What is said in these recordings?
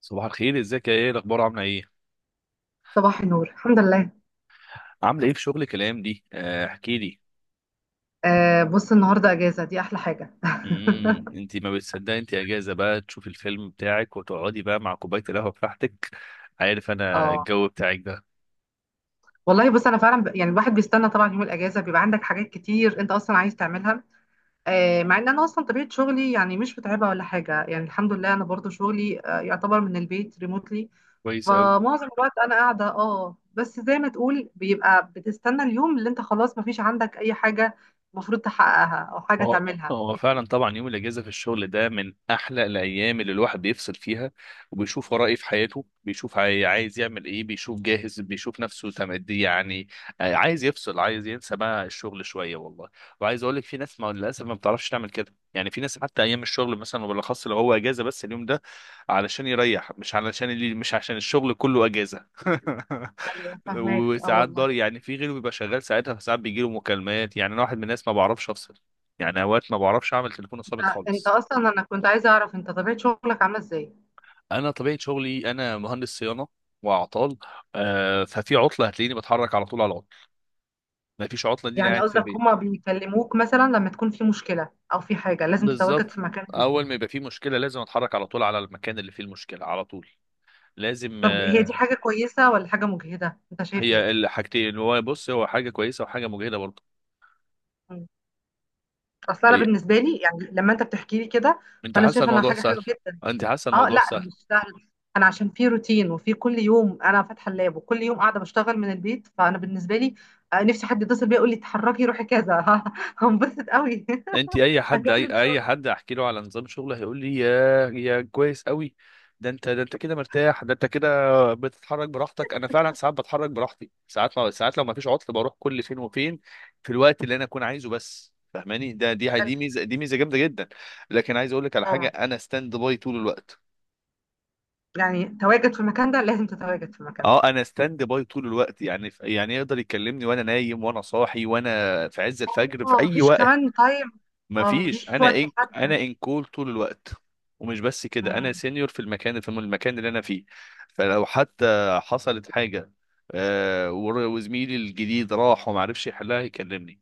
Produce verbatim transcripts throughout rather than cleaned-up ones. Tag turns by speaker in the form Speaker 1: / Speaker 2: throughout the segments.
Speaker 1: صباح الخير، ازيك يا ايه؟ الاخبار، عامله ايه؟
Speaker 2: صباح النور، الحمد لله.
Speaker 1: عامله ايه في شغلك الايام دي؟ آه، احكي لي.
Speaker 2: آه، بص النهارده اجازه، دي احلى حاجه.
Speaker 1: امم انت ما بتصدقي، انت اجازه بقى تشوفي الفيلم بتاعك وتقعدي بقى مع كوبايه القهوه بتاعتك. عارف انا
Speaker 2: اه
Speaker 1: الجو بتاعك ده.
Speaker 2: والله، بص انا فعلا ب... يعني الواحد بيستنى طبعا يوم الاجازه، بيبقى عندك حاجات كتير انت اصلا عايز تعملها. آه، مع ان انا اصلا طبيعه شغلي يعني مش متعبه ولا حاجه، يعني الحمد لله، انا برضو شغلي آه يعتبر من البيت ريموتلي.
Speaker 1: كويس قوي.
Speaker 2: فمعظم الوقت انا قاعده، اه، بس زي ما تقول بيبقى بتستنى اليوم اللي انت خلاص مفيش عندك اي حاجه المفروض تحققها او حاجه
Speaker 1: هو
Speaker 2: تعملها.
Speaker 1: هو فعلا، طبعا يوم الاجازه في الشغل ده من احلى الايام اللي الواحد بيفصل فيها، وبيشوف وراه ايه في حياته، بيشوف عاي- عايز يعمل ايه، بيشوف جاهز، بيشوف نفسه تمدي يعني. آه، عايز يفصل، عايز ينسى بقى الشغل شويه والله. وعايز اقول لك في ناس، ما للاسف ما بتعرفش تعمل كده، يعني في ناس حتى ايام الشغل مثلا، وبالاخص لو هو اجازه، بس اليوم ده علشان يريح، مش علشان اللي مش عشان الشغل كله اجازه.
Speaker 2: ايوه، فاهماك، اه
Speaker 1: وساعات
Speaker 2: والله.
Speaker 1: ضار، يعني في غيره بيبقى شغال ساعتها، فساعات بيجيله مكالمات. يعني انا واحد من الناس ما بعرفش افصل، يعني اوقات ما بعرفش اعمل تليفون ثابت
Speaker 2: انت انت
Speaker 1: خالص.
Speaker 2: اصلا، انا كنت عايزه اعرف انت طبيعه شغلك عامله ازاي.
Speaker 1: انا طبيعه شغلي، انا مهندس صيانه واعطال. آه ففي عطله هتلاقيني بتحرك على طول على العطل، ما فيش عطله دي
Speaker 2: يعني
Speaker 1: قاعد في
Speaker 2: قصدك
Speaker 1: البيت.
Speaker 2: هما بيكلموك مثلا لما تكون في مشكله، او في حاجه لازم تتواجد
Speaker 1: بالظبط.
Speaker 2: في مكان جديد؟
Speaker 1: اول ما يبقى في مشكله، لازم اتحرك على طول على المكان اللي فيه المشكله على طول. لازم،
Speaker 2: طب هي دي
Speaker 1: آه.
Speaker 2: حاجه كويسه ولا حاجه مجهده، انت شايف ايه؟
Speaker 1: هي الحاجتين، هو بص، هو حاجه كويسه وحاجه مجهده برضه.
Speaker 2: مم. اصل انا
Speaker 1: هي،
Speaker 2: بالنسبه لي يعني لما انت بتحكي لي كده،
Speaker 1: انت
Speaker 2: فانا
Speaker 1: حاسه
Speaker 2: شايفه انها
Speaker 1: الموضوع
Speaker 2: حاجه
Speaker 1: سهل؟
Speaker 2: حلوه جدا.
Speaker 1: انت حاسه
Speaker 2: اه
Speaker 1: الموضوع
Speaker 2: لا،
Speaker 1: سهل؟
Speaker 2: مش سهل. انا عشان في روتين، وفي كل يوم انا فاتحه اللاب، وكل يوم قاعده بشتغل من البيت، فانا بالنسبه لي آه، نفسي حد يتصل بيا يقول لي اتحركي روحي كذا. هنبسط قوي.
Speaker 1: انت اي حد، اي
Speaker 2: هكمل
Speaker 1: اي
Speaker 2: شغل.
Speaker 1: حد احكي له على نظام شغله هيقول لي يا يا كويس قوي. ده انت ده انت كده مرتاح، ده انت كده بتتحرك براحتك. انا فعلا ساعات بتحرك براحتي، ساعات ما ساعات لو ما فيش عطل بروح كل فين وفين. في الوقت اللي انا اكون عايزه، بس فاهماني؟ ده دي
Speaker 2: حلو،
Speaker 1: دي ميزه دي ميزه جامده جدا. لكن عايز اقول لك على حاجه،
Speaker 2: طبعا.
Speaker 1: انا ستاند باي طول الوقت.
Speaker 2: يعني تواجد في المكان ده، لازم تتواجد في المكان ده.
Speaker 1: اه، انا ستاند باي طول الوقت، يعني يعني يقدر يكلمني وانا نايم وانا صاحي وانا في عز الفجر في
Speaker 2: اه،
Speaker 1: اي
Speaker 2: مفيش
Speaker 1: وقت.
Speaker 2: كمان تايم. اه،
Speaker 1: مفيش.
Speaker 2: مفيش
Speaker 1: انا
Speaker 2: وقت
Speaker 1: ان انا
Speaker 2: محدد.
Speaker 1: ان كول طول الوقت. ومش بس كده، انا
Speaker 2: مم.
Speaker 1: سينيور في المكان، في المكان اللي انا فيه. فلو حتى حصلت حاجه، آه، ور- وزميلي الجديد راح وما عرفش يحلها يكلمني.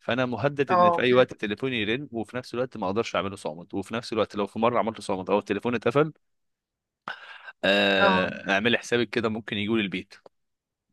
Speaker 1: فانا مهدد ان في
Speaker 2: اه،
Speaker 1: اي وقت تليفوني يرن، وفي نفس الوقت ما اقدرش اعمله صامت، وفي نفس الوقت لو في مره عملته صامت او التليفون اتقفل،
Speaker 2: اه،
Speaker 1: آه، اعمل حسابك كده ممكن يجوا لي البيت.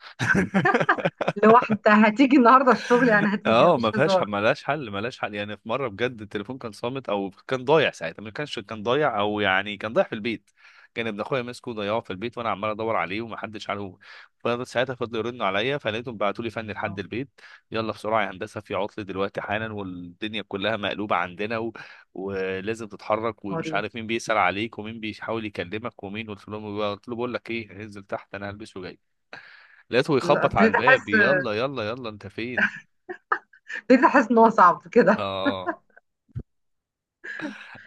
Speaker 2: لو انت هتيجي النهارده الشغل، يعني هتيجي
Speaker 1: اه، ما
Speaker 2: مفيش
Speaker 1: فيهاش
Speaker 2: هزار.
Speaker 1: ما لهاش حل، ما لهاش حل. يعني في مره بجد التليفون كان صامت او كان ضايع ساعتها، ما كانش، كان ضايع، او يعني كان ضايع في البيت. كان ابن اخويا ماسكه وضيعه في البيت، وانا عمال ادور عليه ومحدش عارفه. فساعتها فضلوا يرنوا عليا، فلقيتهم بعتوا لي فني لحد
Speaker 2: اه.
Speaker 1: البيت. يلا بسرعه يا هندسه، في عطل دلوقتي حالا، والدنيا كلها مقلوبه عندنا و... ولازم تتحرك،
Speaker 2: آه،
Speaker 1: ومش
Speaker 2: دي
Speaker 1: عارف مين بيسأل عليك ومين بيحاول يكلمك ومين. قلت له قلت له بقول لك ايه، انزل تحت، انا هلبس وجاي. لقيته
Speaker 2: لا،
Speaker 1: يخبط على
Speaker 2: ابتديت
Speaker 1: الباب،
Speaker 2: احس
Speaker 1: يلا يلا يلا انت فين؟
Speaker 2: ابتديت احس ان هو صعب كده.
Speaker 1: اه،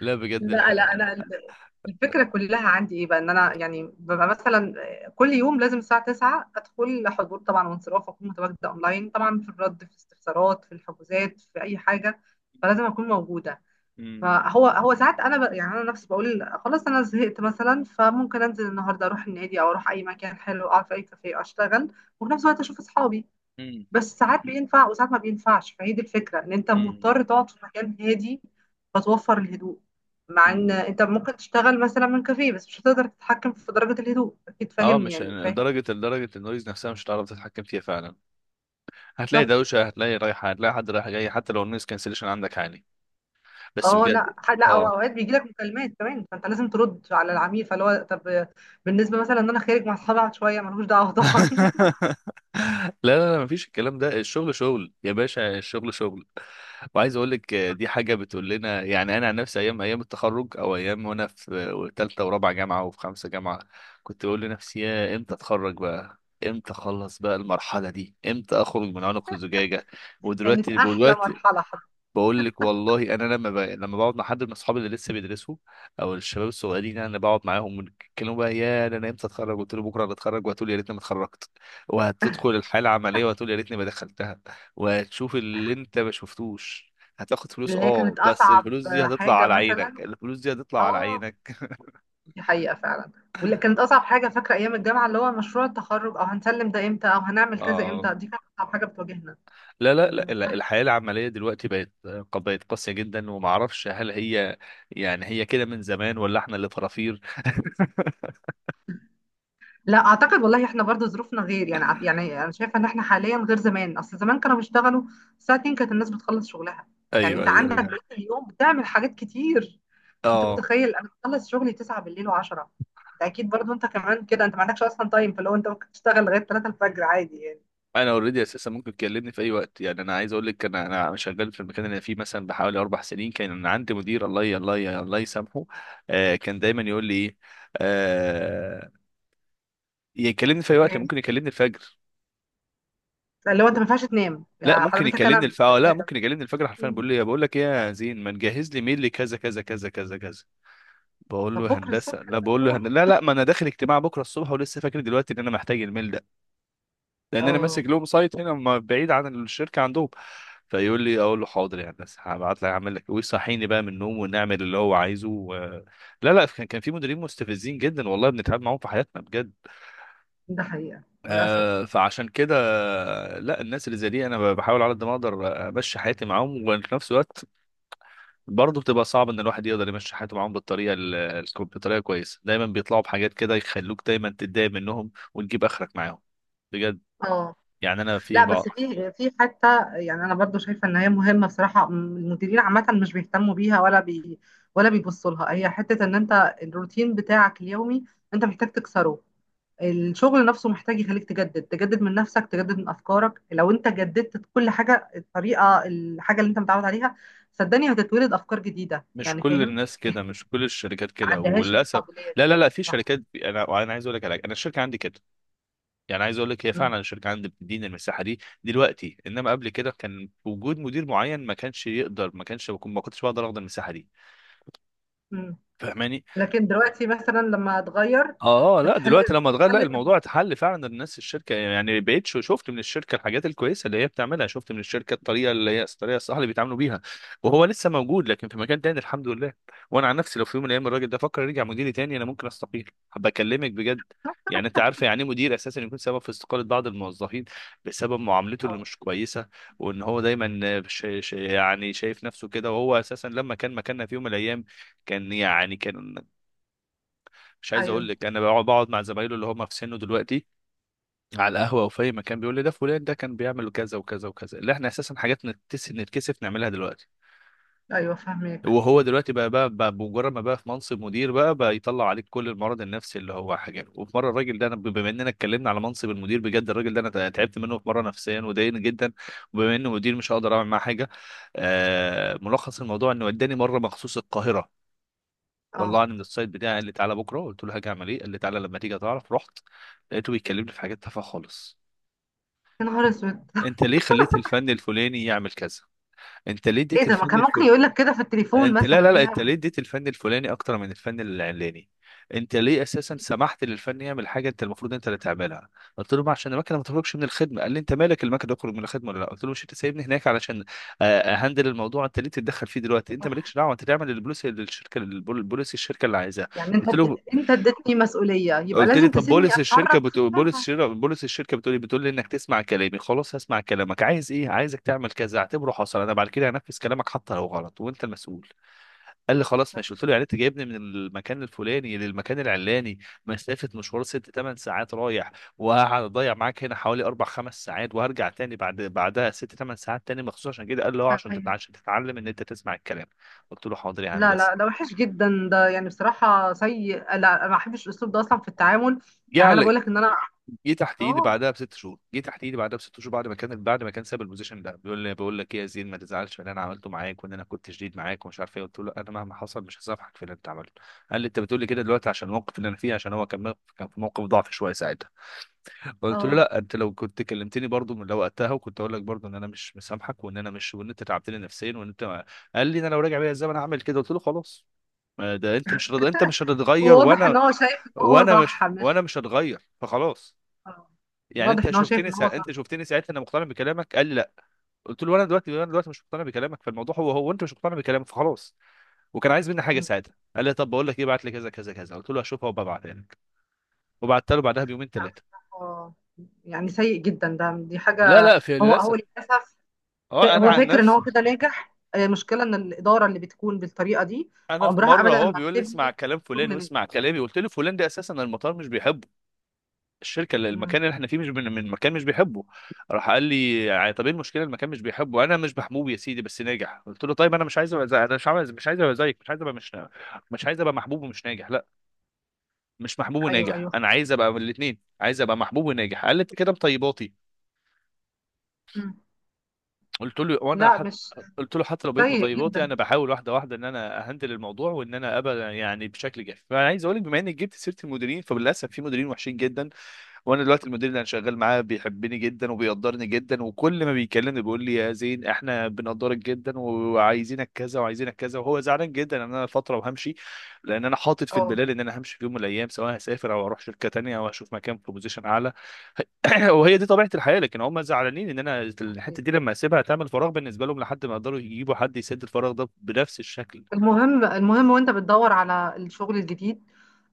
Speaker 1: لا بجد الح...
Speaker 2: لا لا، انا ال- الفكره كلها عندي ايه بقى، ان انا يعني ببقى مثلا كل يوم لازم الساعه تسعه ادخل حضور طبعا وانصراف، اكون متواجده اونلاين طبعا في الرد، في الاستفسارات، في الحجوزات، في اي حاجه. فلازم اكون موجوده.
Speaker 1: مم.
Speaker 2: فهو هو ساعات انا ب... يعني انا نفسي بقول خلاص انا زهقت مثلا، فممكن انزل النهارده اروح النادي او اروح اي مكان حلو، اقعد في اي كافيه اشتغل وفي نفس الوقت اشوف اصحابي.
Speaker 1: مم.
Speaker 2: بس ساعات بينفع وساعات ما بينفعش، فهي دي الفكره، ان انت
Speaker 1: مم.
Speaker 2: مضطر تقعد في مكان هادي فتوفر الهدوء. مع ان
Speaker 1: مم.
Speaker 2: انت ممكن تشتغل مثلا من كافيه، بس مش هتقدر تتحكم في درجه الهدوء، اكيد
Speaker 1: اه،
Speaker 2: فاهمني،
Speaker 1: مش
Speaker 2: يعني فاهم.
Speaker 1: درجة لدرجة النويز نفسها مش هتعرف تتحكم فيها فعلا. هتلاقي
Speaker 2: بالظبط.
Speaker 1: دوشة، هتلاقي رايحة، هتلاقي حد رايح جاي، حتى لو النويز كانسليشن عندك عالي. بس
Speaker 2: اه،
Speaker 1: بجد.
Speaker 2: لا، ح- لا، أو
Speaker 1: اه.
Speaker 2: اوقات بيجي لك مكالمات كمان، فانت لازم ترد على العميل، فاللي هو طب بالنسبه مثلا ان انا خارج مع اصحابي، أقعد شويه، ملوش دعوه طبعا.
Speaker 1: لا لا لا، مفيش الكلام ده، الشغل شغل يا باشا، الشغل شغل. وعايز اقول لك، آه،
Speaker 2: صح.
Speaker 1: دي حاجه بتقول لنا. يعني انا عن نفسي ايام ايام التخرج، او ايام وانا في ثالثه ورابعه جامعه، وفي خمسه جامعه. كنت بقول لنفسي، يا امتى اتخرج بقى؟ امتى اخلص بقى المرحله دي؟ امتى اخرج من عنق الزجاجه؟
Speaker 2: دي كانت
Speaker 1: ودلوقتي
Speaker 2: احلى
Speaker 1: دلوقتي
Speaker 2: مرحله حرفيا.
Speaker 1: بقول لك والله، انا لما ب... لما بقعد مع حد من اصحابي اللي لسه بيدرسوا، او الشباب الصغيرين، يعني انا بقعد معاهم ونتكلموا بقى، يا ده انا امتى اتخرج؟ قلت له بكره هتخرج وهتقول يا ريتني ما اتخرجت. وهتدخل الحاله العمليه وهتقول يا ريتني ما دخلتها. وهتشوف اللي انت ما شفتوش. هتاخد فلوس،
Speaker 2: اللي هي
Speaker 1: اه،
Speaker 2: كانت
Speaker 1: بس
Speaker 2: اصعب
Speaker 1: الفلوس دي هتطلع
Speaker 2: حاجه
Speaker 1: على
Speaker 2: مثلا.
Speaker 1: عينك، الفلوس دي هتطلع على
Speaker 2: اه.
Speaker 1: عينك.
Speaker 2: دي حقيقه فعلا. واللي كانت اصعب حاجه فاكره ايام الجامعه، اللي هو مشروع التخرج او هنسلم ده امتى او هنعمل كذا
Speaker 1: اه،
Speaker 2: امتى، دي كانت اصعب حاجه بتواجهنا.
Speaker 1: لا لا لا
Speaker 2: انما
Speaker 1: لا،
Speaker 2: الواحد-
Speaker 1: الحياة العملية دلوقتي بقت، بقت قاسية جدا. ومعرفش هل هي، يعني هي كده من زمان، ولا احنا اللي فرافير؟
Speaker 2: لا، اعتقد والله احنا برضو ظروفنا غير، يعني ع- يعني انا شايفه ان احنا حاليا غير زمان، اصل زمان كانوا بيشتغلوا الساعه الثانيه، كانت الناس بتخلص شغلها. يعني
Speaker 1: ايوه
Speaker 2: انت
Speaker 1: ايوه
Speaker 2: عندك
Speaker 1: ايوه.
Speaker 2: بقيت اليوم بتعمل حاجات كتير. انت
Speaker 1: اه،
Speaker 2: متخيل انا بخلص شغلي تسعه بالليل و10؟ انت اكيد برضو انت كمان كده، انت ما عندكش اصلا تايم، فلو انت ممكن تشتغل لغايه تلاته الفجر عادي يعني.
Speaker 1: انا اوريدي اساسا ممكن تكلمني في اي وقت. يعني انا عايز اقول لك، انا انا شغال في المكان اللي انا فيه مثلا بحوالي اربع سنين. كان عندي مدير، الله ي- الله ي- الله يسامحه. آه كان دايما يقول لي ايه؟ آه يكلمني في اي وقت،
Speaker 2: ماشي.
Speaker 1: ممكن يكلمني الفجر.
Speaker 2: اللي هو انت ما ينفعش تنام
Speaker 1: لا
Speaker 2: يعني،
Speaker 1: ممكن
Speaker 2: حضرتك انا
Speaker 1: يكلمني
Speaker 2: بني
Speaker 1: الف آه، لا،
Speaker 2: ادم.
Speaker 1: ممكن يكلمني الفجر حرفيا، بيقول لي بقول لك ايه يا زين، ما تجهز لي ميل لكذا كذا كذا كذا كذا. بقول
Speaker 2: طب
Speaker 1: له
Speaker 2: بكره
Speaker 1: هندسه
Speaker 2: الصبح ان
Speaker 1: لا،
Speaker 2: شاء
Speaker 1: بقول له هند...
Speaker 2: الله.
Speaker 1: لا لا، ما انا داخل اجتماع بكره الصبح، ولسه فاكر دلوقتي ان انا محتاج الميل. لان انا ماسك
Speaker 2: اه،
Speaker 1: لهم سايت هنا ما- بعيد عن الشركه عندهم. فيقول لي، اقول له حاضر يا هندسه، هبعت لك اعمل لك. ويصحيني بقى من النوم، ونعمل اللي هو عايزه و... لا لا، كان كان في مديرين مستفزين جدا والله، بنتعب معاهم في حياتنا بجد.
Speaker 2: ده حقيقه
Speaker 1: آه
Speaker 2: للاسف.
Speaker 1: فعشان كده لا، الناس اللي زي دي انا بحاول على قد ما اقدر امشي حياتي معاهم. وفي نفس الوقت برضه بتبقى صعب ان الواحد يقدر يمشي حياته معاهم بالطريقه ال- الكو- بطريقه كويسه. دايما بيطلعوا بحاجات كده يخلوك دايما تتضايق منهم وتجيب اخرك معاهم بجد.
Speaker 2: اه
Speaker 1: يعني انا في
Speaker 2: لا، بس
Speaker 1: بعض
Speaker 2: في في حته، يعني انا برضو شايفه ان هي مهمه بصراحه، م- المديرين عامه مش بيهتموا بيها، ولا بي ولا بيبصوا لها. هي حته ان انت الروتين بتاعك اليومي انت محتاج تكسره. الشغل نفسه محتاج يخليك تجدد، تجدد من نفسك، تجدد من افكارك. لو انت جددت كل حاجه، الطريقه، الحاجه اللي انت متعود عليها، صدقني هتتولد افكار جديده،
Speaker 1: مش
Speaker 2: يعني
Speaker 1: كل
Speaker 2: فاهم.
Speaker 1: الناس كده، مش كل الشركات
Speaker 2: ما
Speaker 1: كده
Speaker 2: عندهاش
Speaker 1: وللاسف.
Speaker 2: القابليه دي.
Speaker 1: لا لا لا، في
Speaker 2: صح.
Speaker 1: شركات بي- انا انا عايز اقول لك على حاجة. انا الشركه عندي كده. يعني عايز اقول لك، هي
Speaker 2: مم.
Speaker 1: فعلا الشركه عندي بتديني المساحه دي دلوقتي، انما قبل كده كان وجود مدير معين ما كانش يقدر، ما كانش بكون- ما كنتش بقدر اخد المساحه دي.
Speaker 2: مم.
Speaker 1: فاهماني؟
Speaker 2: لكن دلوقتي مثلا لما هتغير
Speaker 1: اه لا،
Speaker 2: فتحل،
Speaker 1: دلوقتي لما اتغير، لا
Speaker 2: تحل.
Speaker 1: الموضوع اتحل فعلا. الناس الشركه، يعني بقيت شو- شفت من الشركه الحاجات الكويسه اللي هي بتعملها، شفت من الشركه الطريقه اللي هي الطريقه الصح اللي بيتعاملوا بيها. وهو لسه موجود لكن في مكان تاني الحمد لله. وانا عن نفسي لو في يوم من الايام الراجل ده فكر يرجع مديري تاني، انا ممكن استقيل. بكلمك بجد. يعني انت عارفه يعني ايه مدير اساسا يكون سبب في استقاله بعض الموظفين بسبب معاملته اللي
Speaker 2: اه.
Speaker 1: مش كويسه. وان هو دايما ش... ش... يعني شايف نفسه كده، وهو اساسا لما كان مكاننا في يوم من الايام كان، يعني كان. مش عايز اقول
Speaker 2: ايوه،
Speaker 1: لك، انا بقعد بقعد مع زمايله اللي هم في سنه دلوقتي على القهوه او في اي مكان، بيقول لي ده فلان ده كان بيعمل كذا وكذا وكذا، اللي احنا اساسا حاجات نتس... نتكسف نعملها دلوقتي.
Speaker 2: ايوه، فاهمك.
Speaker 1: وهو دلوقتي بقى بقى, بقى بمجرد ما بقى في منصب مدير بقى بقى يطلع عليك كل المرض النفسي اللي هو حاجه. وفي مره الراجل ده، انا بما اننا اتكلمنا على منصب المدير بجد، الراجل ده انا تعبت منه في مره نفسيا وضايقني جدا. وبما انه مدير مش هقدر اعمل معاه حاجه. آه ملخص الموضوع انه وداني مره مخصوص القاهره.
Speaker 2: اه،
Speaker 1: طلعني من السايت بتاعي، قال لي تعالى بكره، قلت له هاجي اعمل ايه؟ قال لي تعالى لما تيجي تعرف. رحت لقيته بيكلمني في حاجات تافهه خالص.
Speaker 2: يا نهار اسود.
Speaker 1: انت ليه خليت الفن الفلاني يعمل كذا؟ انت ليه
Speaker 2: ايه
Speaker 1: اديت
Speaker 2: ده، ما
Speaker 1: الفن
Speaker 2: كان ممكن
Speaker 1: الفلاني؟
Speaker 2: يقول لك كده في التليفون
Speaker 1: انت لا لا
Speaker 2: مثلا؟ ايه
Speaker 1: لا، انت
Speaker 2: الهبل
Speaker 1: ليه
Speaker 2: ده؟
Speaker 1: اديت الفن الفلاني اكتر من الفن العلاني؟ انت ليه اساسا سمحت للفن يعمل حاجه؟ انت المفروض انت اللي تعملها. قلت له ما عشان المكنه ما تخرجش من الخدمه. قال لي انت مالك، المكنه تخرج من الخدمه ولا لا؟ قلت له مش انت سايبني هناك علشان، آه، اهندل الموضوع؟ انت ليه تتدخل فيه دلوقتي؟ انت
Speaker 2: صح.
Speaker 1: مالكش دعوه. انت تعمل البوليسي للشركه، البول- البوليسي الشركه اللي عايزاه.
Speaker 2: يعني انت
Speaker 1: قلت له،
Speaker 2: اديت- انت اديتني مسؤوليه، يبقى
Speaker 1: قلت لي
Speaker 2: لازم
Speaker 1: طب
Speaker 2: تسيبني
Speaker 1: بوليس الشركه
Speaker 2: اتحرك في
Speaker 1: بتقول، بوليس
Speaker 2: خلالها.
Speaker 1: الشركه بوليس الشركه بتقول لي بتقول لي انك تسمع كلامي. خلاص هسمع كلامك. عايز ايه؟ عايزك تعمل كذا؟ اعتبره حصل. انا بعد كده هنفذ كلامك حتى لو غلط وانت المسؤول. قال لي خلاص ماشي. قلت له يعني انت جايبني من المكان الفلاني للمكان العلاني، مسافه، مشوار ست ثمان ساعات رايح، وهقعد اضيع معاك هنا حوالي اربع خمس ساعات، وهرجع تاني بعد بعدها ست ثمان ساعات تاني مخصوص عشان كده. قال له اه، عشان تتع-
Speaker 2: ايوه.
Speaker 1: عشان تتعلم ان انت تسمع الكلام. قلت له حاضر يا
Speaker 2: لا لا،
Speaker 1: هندسه.
Speaker 2: ده وحش جدا ده، يعني بصراحة سيء. لا، أنا ما بحبش الأسلوب ده أصلا في التعامل. يعني أنا
Speaker 1: يعني
Speaker 2: بقول لك إن أنا.
Speaker 1: جه تحت ايدي
Speaker 2: اه.
Speaker 1: بعدها بست شهور جه تحت ايدي بعدها بست شهور، بعد ما كان بعد ما كان ساب البوزيشن ده، بيقول لي بقول لك ايه يا زين، ما تزعلش من اللي انا عملته معاك، وان انا كنت شديد معاك ومش عارف ايه. قلت له انا مهما حصل مش هسامحك في اللي انت عملته. قال لي انت بتقول لي كده دلوقتي عشان الموقف اللي انا فيه، عشان هو كان موقف- كان في موقف ضعف شويه ساعتها. قلت له
Speaker 2: اه.
Speaker 1: لا، انت لو كنت كلمتني برضو من لو وقتها، وكنت اقول لك برضو ان انا مش مسامحك، وان انا مش وان انت تعبتني نفسيا، وان انت ما... قال لي انا لو راجع بيا الزمن اعمل كده. قلت له خلاص، ما ده انت مش رض... انت مش
Speaker 2: هو
Speaker 1: هتتغير،
Speaker 2: واضح
Speaker 1: وانا
Speaker 2: إن هو شايف إن هو
Speaker 1: وانا
Speaker 2: صح،
Speaker 1: مش
Speaker 2: مش
Speaker 1: وانا مش هتغير فخلاص.
Speaker 2: آه.
Speaker 1: يعني
Speaker 2: واضح
Speaker 1: انت
Speaker 2: إن هو شايف
Speaker 1: شفتني
Speaker 2: إن هو
Speaker 1: سا... انت
Speaker 2: صح.
Speaker 1: شفتني ساعتها انا مقتنع بكلامك؟ قال لي لا. قلت له انا دلوقتي انا دلوقتي مش مقتنع بكلامك، فالموضوع هو هو، وانت مش مقتنع بكلامك فخلاص. وكان عايز مني حاجه
Speaker 2: مم.
Speaker 1: ساعتها، قال لي طب بقول لك ايه، بعت لي كذا كذا كذا. قلت له هشوفها وببعتها لك. وبعت له بعدها بيومين
Speaker 2: لا،
Speaker 1: ثلاثه.
Speaker 2: بصراحة، يعني سيء جدا ده، دي
Speaker 1: لا
Speaker 2: حاجة.
Speaker 1: لا، في
Speaker 2: هو هو
Speaker 1: للاسف.
Speaker 2: للأسف. ف-
Speaker 1: اه، انا
Speaker 2: هو
Speaker 1: عن
Speaker 2: فاكر إن
Speaker 1: نفسي،
Speaker 2: هو كده ناجح. آه، مشكلة إن الإدارة اللي بتكون بالطريقة دي
Speaker 1: انا في
Speaker 2: عمرها
Speaker 1: مره
Speaker 2: أبدا
Speaker 1: هو
Speaker 2: ما
Speaker 1: بيقول لي اسمع
Speaker 2: بتبني
Speaker 1: كلام فلان
Speaker 2: شغل ناجح.
Speaker 1: واسمع كلامي. قلت له فلان ده اساسا المطار مش بيحبه. الشركه اللي
Speaker 2: مم.
Speaker 1: المكان اللي احنا فيه مش بن... من مكان مش بيحبه. راح قال لي ع- طب ايه المشكله؟ المكان مش بيحبه، انا مش محبوب يا سيدي بس ناجح. قلت له طيب انا مش عايز ابقى زي... انا مش عايز مش عايز ابقى زيك، مش عايز ابقى مش مش عايز ابقى محبوب ومش ناجح، لا. مش محبوب
Speaker 2: أيوه،
Speaker 1: وناجح، انا
Speaker 2: أيوه.
Speaker 1: عايز ابقى من الاثنين، عايز ابقى محبوب وناجح. قال لي انت كده مطيباتي.
Speaker 2: مم.
Speaker 1: قلت له وانا
Speaker 2: لا،
Speaker 1: حت...
Speaker 2: مش
Speaker 1: قلت له حتى لو بقيت
Speaker 2: سيء
Speaker 1: مطيباتي،
Speaker 2: جدا.
Speaker 1: انا بحاول واحده واحده ان انا اهندل الموضوع، وان انا ابقى يعني بشكل جاف. فانا عايز اقول لك بما انك جبت سيره المديرين، فللاسف في مديرين وحشين جدا. وانا دلوقتي المدير اللي انا شغال معاه بيحبني جدا وبيقدرني جدا. وكل ما بيكلمني بيقول لي يا زين احنا بنقدرك جدا وعايزينك كذا وعايزينك كذا. وهو زعلان جدا ان انا فتره وهمشي، لان انا حاطط في
Speaker 2: اه،
Speaker 1: البلال ان انا همشي في يوم من الايام، سواء هسافر او اروح شركه تانية او اشوف مكان في بوزيشن اعلى. وهي دي طبيعه الحياه. لكن هم زعلانين ان انا
Speaker 2: أكيد.
Speaker 1: الحته دي لما اسيبها تعمل فراغ بالنسبه لهم، لحد ما يقدروا يجيبوا حد يسد الفراغ ده بنفس الشكل.
Speaker 2: المهم، المهم وانت بتدور على الشغل الجديد،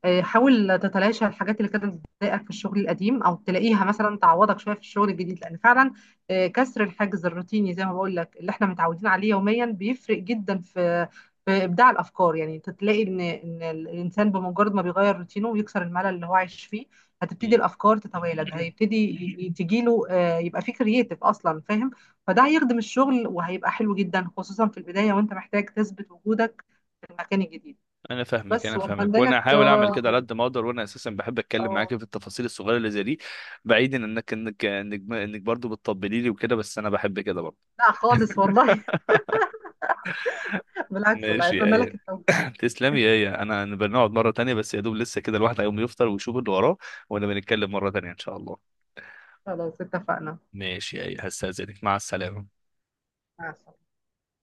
Speaker 2: آه، حاول تتلاشى الحاجات اللي كانت بتضايقك في الشغل القديم، او تلاقيها مثلا تعوضك شويه في الشغل الجديد، لان فعلا آه، كسر الحاجز الروتيني، زي ما بقول لك اللي احنا متعودين عليه يوميا، بيفرق جدا في في ابداع الافكار. يعني انت تلاقي ان ان الانسان بمجرد ما بيغير روتينه ويكسر الملل اللي هو عايش فيه، هتبتدي
Speaker 1: مم.
Speaker 2: الافكار تتوالد، هيبتدي ي- تجيله آه، يبقى فيه كرييتيف اصلا، فاهم. فده هيخدم الشغل، وهيبقى حلو جدا، خصوصا في البداية وانت محتاج تثبت وجودك في المكان الجديد.
Speaker 1: انا فاهمك
Speaker 2: بس
Speaker 1: انا فاهمك.
Speaker 2: واتمنى
Speaker 1: وانا
Speaker 2: لك
Speaker 1: هحاول اعمل
Speaker 2: آه،
Speaker 1: كده على
Speaker 2: يعني،
Speaker 1: قد ما اقدر، وانا اساسا بحب اتكلم
Speaker 2: اه،
Speaker 1: معاك في التفاصيل الصغيره اللي زي دي. بعيدا انك انك انك, إنك برضو بتطبلي لي وكده، بس انا بحب كده برضو.
Speaker 2: لا خالص والله. بالعكس والله،
Speaker 1: ماشي يا
Speaker 2: اتمنى لك
Speaker 1: ايه.
Speaker 2: التوفيق.
Speaker 1: تسلمي يا ايه، انا أنا بنقعد مره تانية. بس يا دوب لسه كده الواحد هيقوم يفطر ويشوف اللي وراه، وانا بنتكلم مره تانية ان شاء الله.
Speaker 2: خلاص، اتفقنا.
Speaker 1: ماشي يا ايه، هستاذنك، مع السلامه.
Speaker 2: مع السلامة.